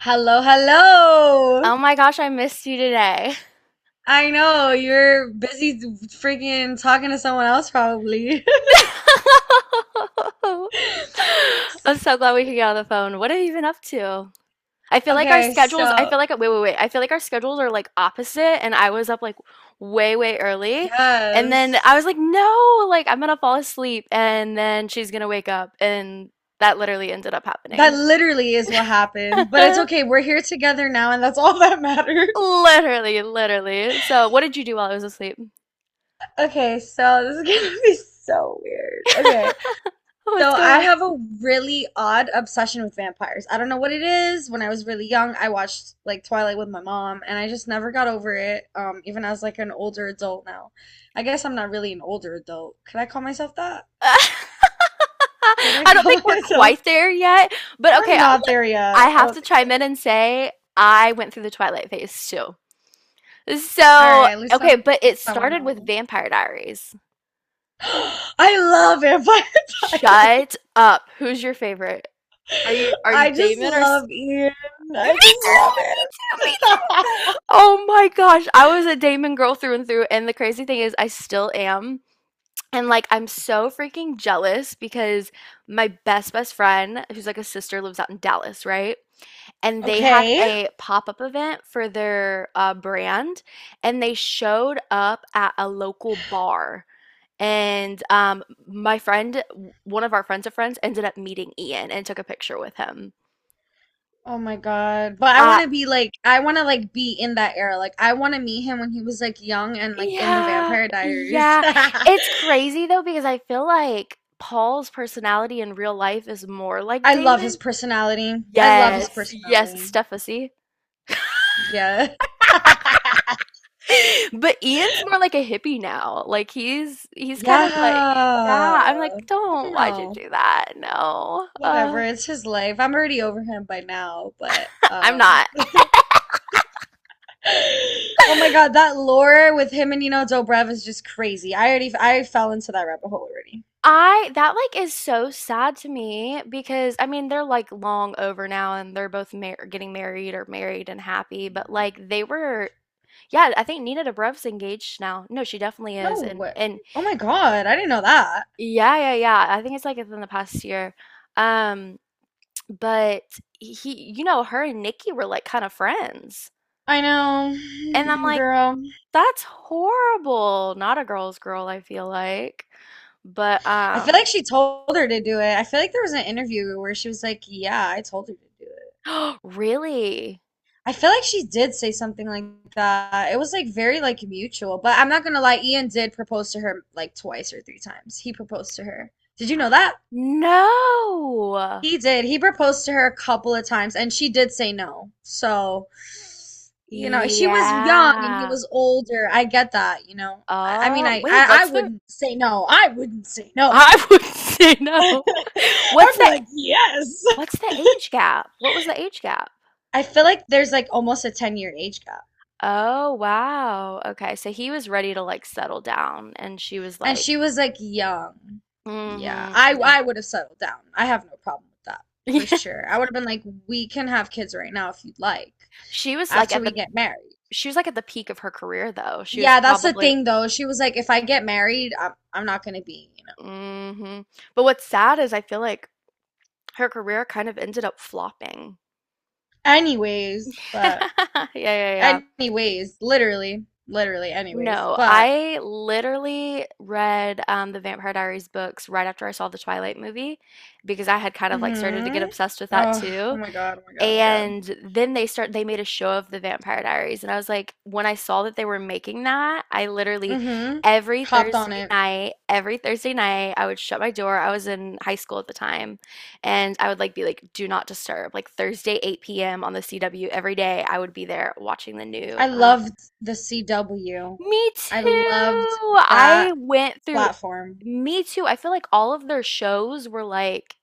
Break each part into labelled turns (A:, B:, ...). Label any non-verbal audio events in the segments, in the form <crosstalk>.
A: Hello, hello.
B: Oh my gosh, I missed you today.
A: I know you're busy freaking talking to someone else probably. <laughs>
B: <laughs> I'm so glad we could get on the phone. What have you been up to? I feel like our
A: Okay,
B: schedules, I
A: so
B: feel like, wait, wait, wait. I feel like our schedules are like opposite, and I was up like way, way early. And then I was
A: yes.
B: like, no, like I'm gonna fall asleep, and then she's gonna wake up. And that literally ended up
A: That
B: happening.
A: literally is what happened. But it's okay.
B: <laughs>
A: We're here together now, and that's all that matters. <laughs>
B: Literally, literally. So, what did you do while I was asleep?
A: Okay, so this is gonna be so weird. Okay.
B: <laughs>
A: So
B: What's going
A: I
B: on?
A: have a really odd obsession with vampires. I don't know what it is. When I was really young, I watched like Twilight with my mom, and I just never got over it. Even as like an older adult now. I guess I'm not really an older adult. Could I call myself that?
B: <laughs>
A: Could
B: <laughs>
A: I
B: I don't think
A: call <laughs>
B: we're
A: myself?
B: quite there yet, but okay,
A: We're
B: I
A: not there yet.
B: I
A: I
B: have
A: don't
B: to
A: think
B: chime in
A: so.
B: and say I went through the Twilight phase too.
A: All
B: So,
A: right, at least
B: okay,
A: I'm
B: but it started with
A: semi-normal.
B: Vampire Diaries.
A: <gasps> I love Vampire <laughs> Diaries.
B: Shut up. Who's your favorite? Are you
A: I just
B: Damon or S-
A: love Ian.
B: <laughs> Me too.
A: I just love
B: Me too. Me
A: it.
B: too. Oh my gosh, I was a Damon girl through and through, and the crazy thing is I still am. And like I'm so freaking jealous because my best best friend, who's like a sister, lives out in Dallas, right?
A: <laughs>
B: And they had
A: Okay.
B: a pop-up event for their brand, and they showed up at a local bar. And my friend, one of our friends of friends, ended up meeting Ian and took a picture with him.
A: Oh my God. But I
B: Uh,
A: want to be like, I want to like be in that era. Like, I want to meet him when he was like young and like in the
B: yeah,
A: Vampire Diaries.
B: yeah.
A: <laughs>
B: It's crazy though because I feel like Paul's personality in real life is more like
A: I love his
B: Damon.
A: personality. I love his
B: Yes, yes,
A: personality.
B: Steffasi. <laughs>
A: Yeah. <laughs>
B: But Ian's more like a hippie now. Like he's kind
A: Yeah.
B: of like, yeah, I'm like,
A: I
B: don't,
A: don't
B: why'd you
A: know.
B: do that? No.
A: Whatever. It's his life. I'm already over him by now, but
B: I'm not.
A: <gasps> <laughs> Oh my God,
B: <laughs>
A: that lore with him and you know Dobrev is just crazy. I fell into that rabbit hole already.
B: I that like is so sad to me because I mean they're like long over now and they're both mar getting married or married and happy, but like they were yeah, I think Nina Dobrev's engaged now. No, she definitely
A: No
B: is and
A: way.
B: and
A: Oh my God, I didn't know that.
B: yeah, yeah, yeah. I think it's like within the past year. Um But he you know, her and Nikki were like kind of friends.
A: I
B: And I'm
A: know, <sighs>
B: like,
A: girl.
B: <laughs> that's horrible. Not a girl's girl, I feel like. But
A: I feel like she told her to do it. I feel like there was an interview where she was like, "Yeah, I told her to do it."
B: <gasps> really?
A: I feel like she did say something like that. It was like very like mutual, but I'm not gonna lie, Ian did propose to her like twice or three times. He proposed to her. Did you know that?
B: No.
A: He did. He proposed to her a couple of times and she did say no. So, you know, she was young and he
B: Yeah.
A: was older. I get that, you know. I, I mean,
B: Oh,
A: I,
B: wait,
A: I I
B: what's the
A: wouldn't say no. I wouldn't say no.
B: I <laughs> would say no. <laughs> What's the
A: <laughs>
B: what's the age gap? What was the age gap?
A: I feel like there's like almost a 10-year age gap.
B: Oh, wow. Okay, so he was ready to like settle down and she was
A: And she
B: like,
A: was like young. Yeah, I
B: mm-hmm,
A: I would have settled down. I have no problem with that for
B: yeah. <laughs>
A: sure. I would have been like, we can have kids right now if you'd like,
B: She was, like,
A: after
B: at
A: we
B: the
A: get married.
B: she was, like, at the peak of her career, though. She was
A: Yeah, that's the
B: probably
A: thing though. She was like, if I get married, I'm not gonna be, you know.
B: mhm. But what's sad is I feel like her career kind of ended up flopping.
A: Anyways, but
B: <laughs> Yeah, yeah, yeah.
A: anyways, literally, literally, anyways,
B: No,
A: but
B: I literally read, the Vampire Diaries books right after I saw the Twilight movie because I had kind of, like, started to get
A: mm-hmm.
B: obsessed with that
A: Oh, oh
B: too.
A: my God, oh my God, oh my God.
B: And then they start they made a show of the Vampire Diaries and I was like, when I saw that they were making that, I literally
A: Mm-hmm. Hopped on it.
B: Every Thursday night, I would shut my door. I was in high school at the time, and I would like be like, do not disturb. Like Thursday 8 p.m. on the CW every day, I would be there watching the new
A: I loved the CW.
B: Me
A: I
B: too.
A: loved
B: I
A: that
B: went through
A: platform.
B: Me Too. I feel like all of their shows were like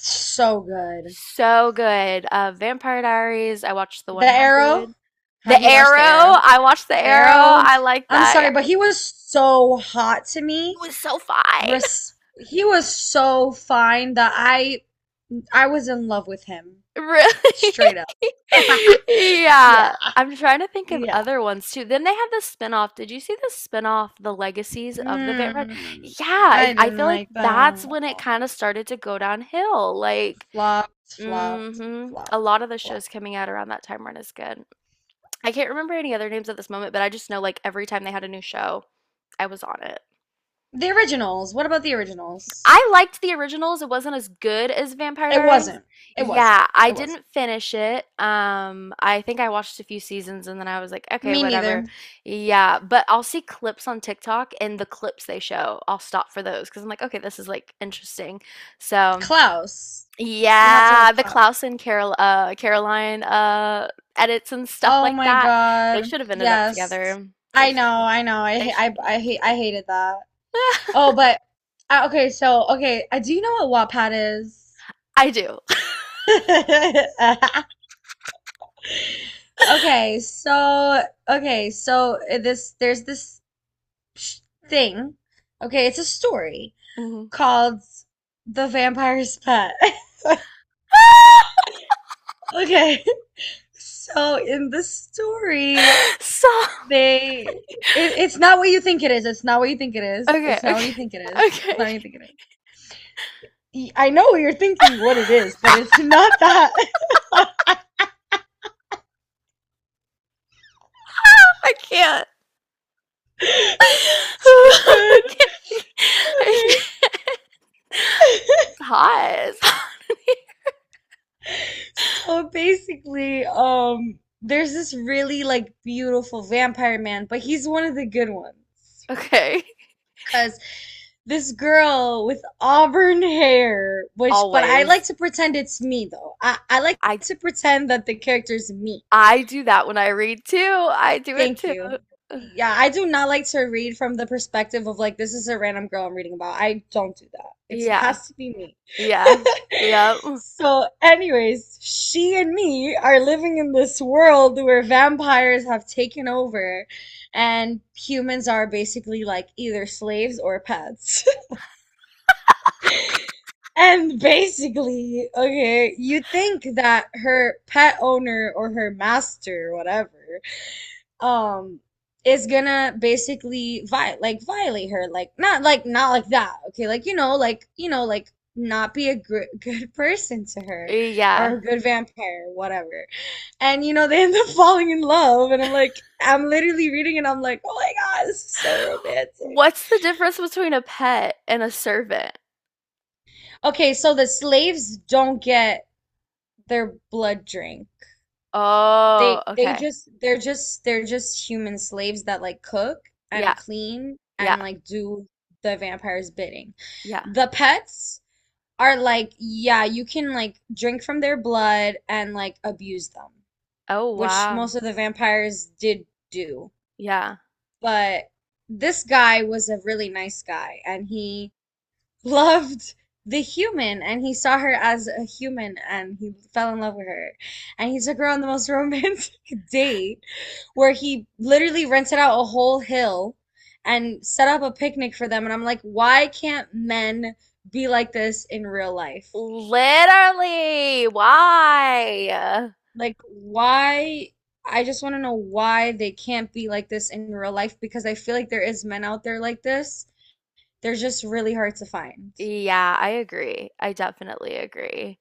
A: So good.
B: so good. Vampire Diaries. I watched The
A: The Arrow.
B: 100. The
A: Have you watched The
B: Arrow.
A: Arrow?
B: I watched The
A: The
B: Arrow.
A: Arrow.
B: I like
A: I'm
B: that. Yeah.
A: sorry, but he was so hot to
B: He
A: me.
B: was so fine. <laughs>
A: Res He was so fine that I was in love with him.
B: Really?
A: Straight up.
B: <laughs>
A: <laughs> Yeah,
B: Yeah. I'm trying to think of
A: yeah.
B: other ones too. Then they have the spinoff. Did you see the spinoff, The Legacies of the Vampire?
A: Mm,
B: Yeah,
A: I
B: it, I
A: didn't
B: feel like
A: like
B: that's
A: them.
B: when it kind of started to go downhill. Like,
A: Flopped, flopped,
B: hmm. A
A: flopped,
B: lot of the shows
A: flopped.
B: coming out around that time weren't as good. I can't remember any other names at this moment, but I just know like every time they had a new show, I was on it.
A: The originals. What about the originals?
B: I liked the originals. It wasn't as good as Vampire
A: It
B: Diaries.
A: wasn't. It wasn't.
B: Yeah, I
A: It wasn't.
B: didn't finish it. I think I watched a few seasons and then I was like, okay,
A: Me
B: whatever.
A: neither.
B: Yeah, but I'll see clips on TikTok and the clips they show, I'll stop for those because I'm like, okay, this is like interesting. So
A: Klaus. You have to
B: yeah,
A: love
B: the
A: Klaus.
B: Klaus and Carol Caroline edits and stuff
A: Oh
B: like
A: my
B: that. They
A: God.
B: should have ended up
A: Yes.
B: together. They
A: I
B: should
A: know.
B: have
A: I know. I
B: they
A: ha-
B: should have
A: I
B: ended
A: I
B: up
A: hate. I
B: together.
A: hated that. Oh,
B: <laughs>
A: but okay. So okay. Do you know what Wattpad
B: I do.
A: is? <laughs>
B: <laughs>
A: Okay, so okay, so this sh- thing. Okay, it's a story
B: Mhm.
A: called The Vampire's Pet. <laughs> Okay. So in the story,
B: So
A: they it, it's not what you think it is. It's not what you think it is.
B: okay,
A: It's not what
B: okay,
A: you think it is. It's
B: okay.
A: not what you think it is. I know you're thinking what it is, but it's not that. <laughs>
B: I can't.
A: This
B: <laughs>
A: is too
B: I
A: good.
B: can't. I
A: Okay.
B: can't. Pause. <laughs>
A: So basically, there's this really like beautiful vampire man, but he's one of the good ones.
B: Okay.
A: Because this girl with auburn hair, which, but I like
B: Always.
A: to pretend it's me though. I like
B: I
A: to pretend that the character's me.
B: I do that when I read too. I do it
A: Thank
B: too.
A: you.
B: <sighs>
A: Yeah, I do not like to read from the perspective of like this is a random girl I'm reading about. I don't do that. It
B: Yeah.
A: has to be me.
B: Yeah.
A: <laughs>
B: Yep.
A: So, anyways, she and me are living in this world where vampires have taken over and humans are basically like either slaves or pets. <laughs> And basically, okay, you think that her pet owner or her master, whatever, um is gonna basically vi like violate her, like not like, not like that, okay, like like not be a gr <laughs> good person to her or
B: Yeah.
A: a good vampire, whatever, and you know they end up <laughs> falling in love, and I'm like, I'm literally reading and I'm like, oh my God, this is so romantic.
B: What's the difference between a pet and a servant?
A: Okay, so the slaves don't get their blood drink.
B: Oh,
A: They they
B: okay.
A: just they're just they're just human slaves that like cook
B: Yeah,
A: and clean
B: yeah,
A: and like do the vampire's bidding.
B: yeah.
A: The pets are like, yeah, you can like drink from their blood and like abuse them,
B: Oh,
A: which
B: wow.
A: most of the vampires did do.
B: Yeah.
A: But this guy was a really nice guy and he loved the human and he saw her as a human and he fell in love with her, and he took her on the most romantic <laughs> date where he literally rented out a whole hill and set up a picnic for them. And I'm like, why can't men be like this in real life?
B: Literally, why?
A: Like, why? I just want to know why they can't be like this in real life, because I feel like there is men out there like this. They're just really hard to find.
B: Yeah, I agree. I definitely agree.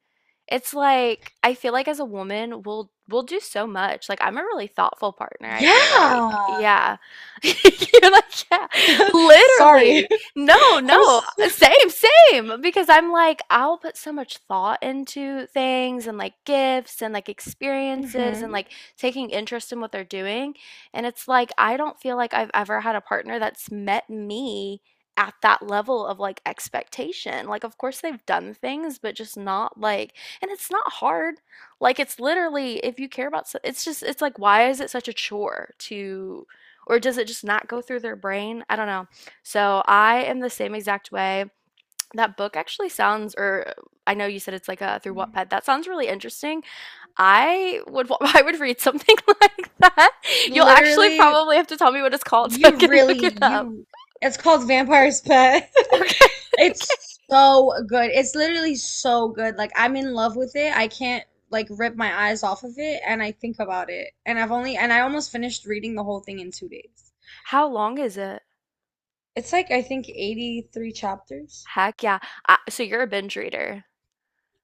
B: It's like I feel like as a woman, we'll do so much. Like I'm a really thoughtful partner, I feel like.
A: Yeah.
B: Yeah. <laughs> You're like, yeah.
A: <laughs> Sorry.
B: Literally. No,
A: <laughs> I
B: no.
A: was
B: Same, same. Because I'm like, I'll put so much thought into things and like gifts and like experiences and
A: Mm-hmm.
B: like taking interest in what they're doing. And it's like I don't feel like I've ever had a partner that's met me at that level of like expectation. Like, of course, they've done things, but just not like, and it's not hard. Like, it's literally, if you care about, so- it's just, it's like, why is it such a chore to, or does it just not go through their brain? I don't know. So, I am the same exact way. That book actually sounds, or I know you said it's like a through Wattpad. That sounds really interesting. I would, <laughs> I would read something <laughs> like that. You'll actually
A: Literally,
B: probably have to tell me what it's called so I
A: you
B: can look
A: really,
B: it up.
A: you, it's called Vampire's Pet. <laughs>
B: Okay. <laughs> Okay.
A: It's so good. It's literally so good. Like, I'm in love with it. I can't, like, rip my eyes off of it. And I think about it. And I've only, and I almost finished reading the whole thing in 2 days.
B: How long is it?
A: It's like, I think, 83 chapters.
B: Heck yeah. I, so you're a binge reader.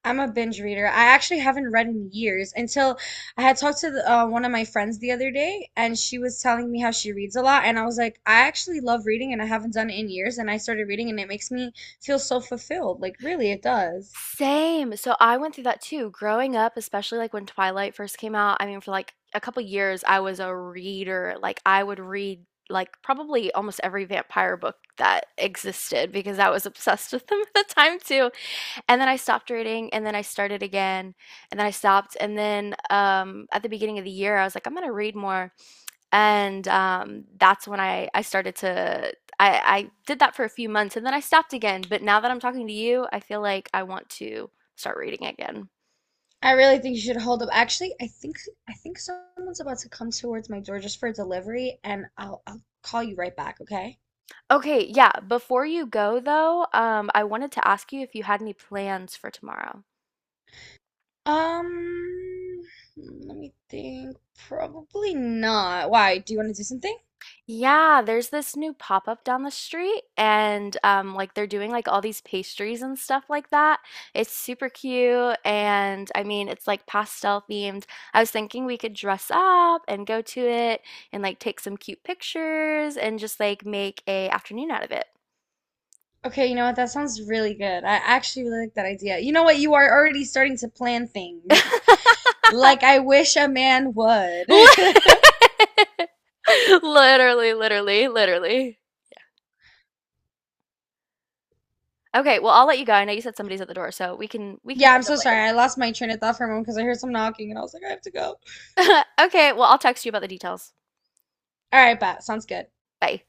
A: I'm a binge reader. I actually haven't read in years until I had talked to the, one of my friends the other day, and she was telling me how she reads a lot. And I was like, I actually love reading, and I haven't done it in years. And I started reading, and it makes me feel so fulfilled. Like, really, it does.
B: Same. So I went through that too. Growing up, especially like when Twilight first came out, I mean, for like a couple years, I was a reader. Like I would read like probably almost every vampire book that existed because I was obsessed with them <laughs> at the time too. And then I stopped reading and then I started again and then I stopped. And then at the beginning of the year, I was like, I'm gonna read more. And that's when I started to I did that for a few months and then I stopped again. But now that I'm talking to you, I feel like I want to start reading again.
A: I really think you should hold up. Actually, I think someone's about to come towards my door just for a delivery, and I'll call you right back, okay?
B: Okay, yeah. Before you go though, I wanted to ask you if you had any plans for tomorrow.
A: Um, let me think. Probably not. Why? Do you want to do something?
B: Yeah, there's this new pop-up down the street and like they're doing like all these pastries and stuff like that. It's super cute and I mean it's like pastel themed. I was thinking we could dress up and go to it and like take some cute pictures and just like make a afternoon out of it.
A: Okay, you know what? That sounds really good. I actually really like that idea. You know what? You are already starting to plan things.
B: <laughs>
A: Like I wish a man would.
B: Lit-
A: <laughs>
B: <laughs> Literally, literally, literally. Okay, well I'll let you go. I know you said somebody's at the door, so we can
A: Yeah, I'm
B: catch up
A: so sorry.
B: later.
A: I lost my train of thought for a moment because I heard some knocking and I was like, I have to go. All
B: <laughs> Okay, well I'll text you about the details.
A: right, bet. Sounds good.
B: Bye.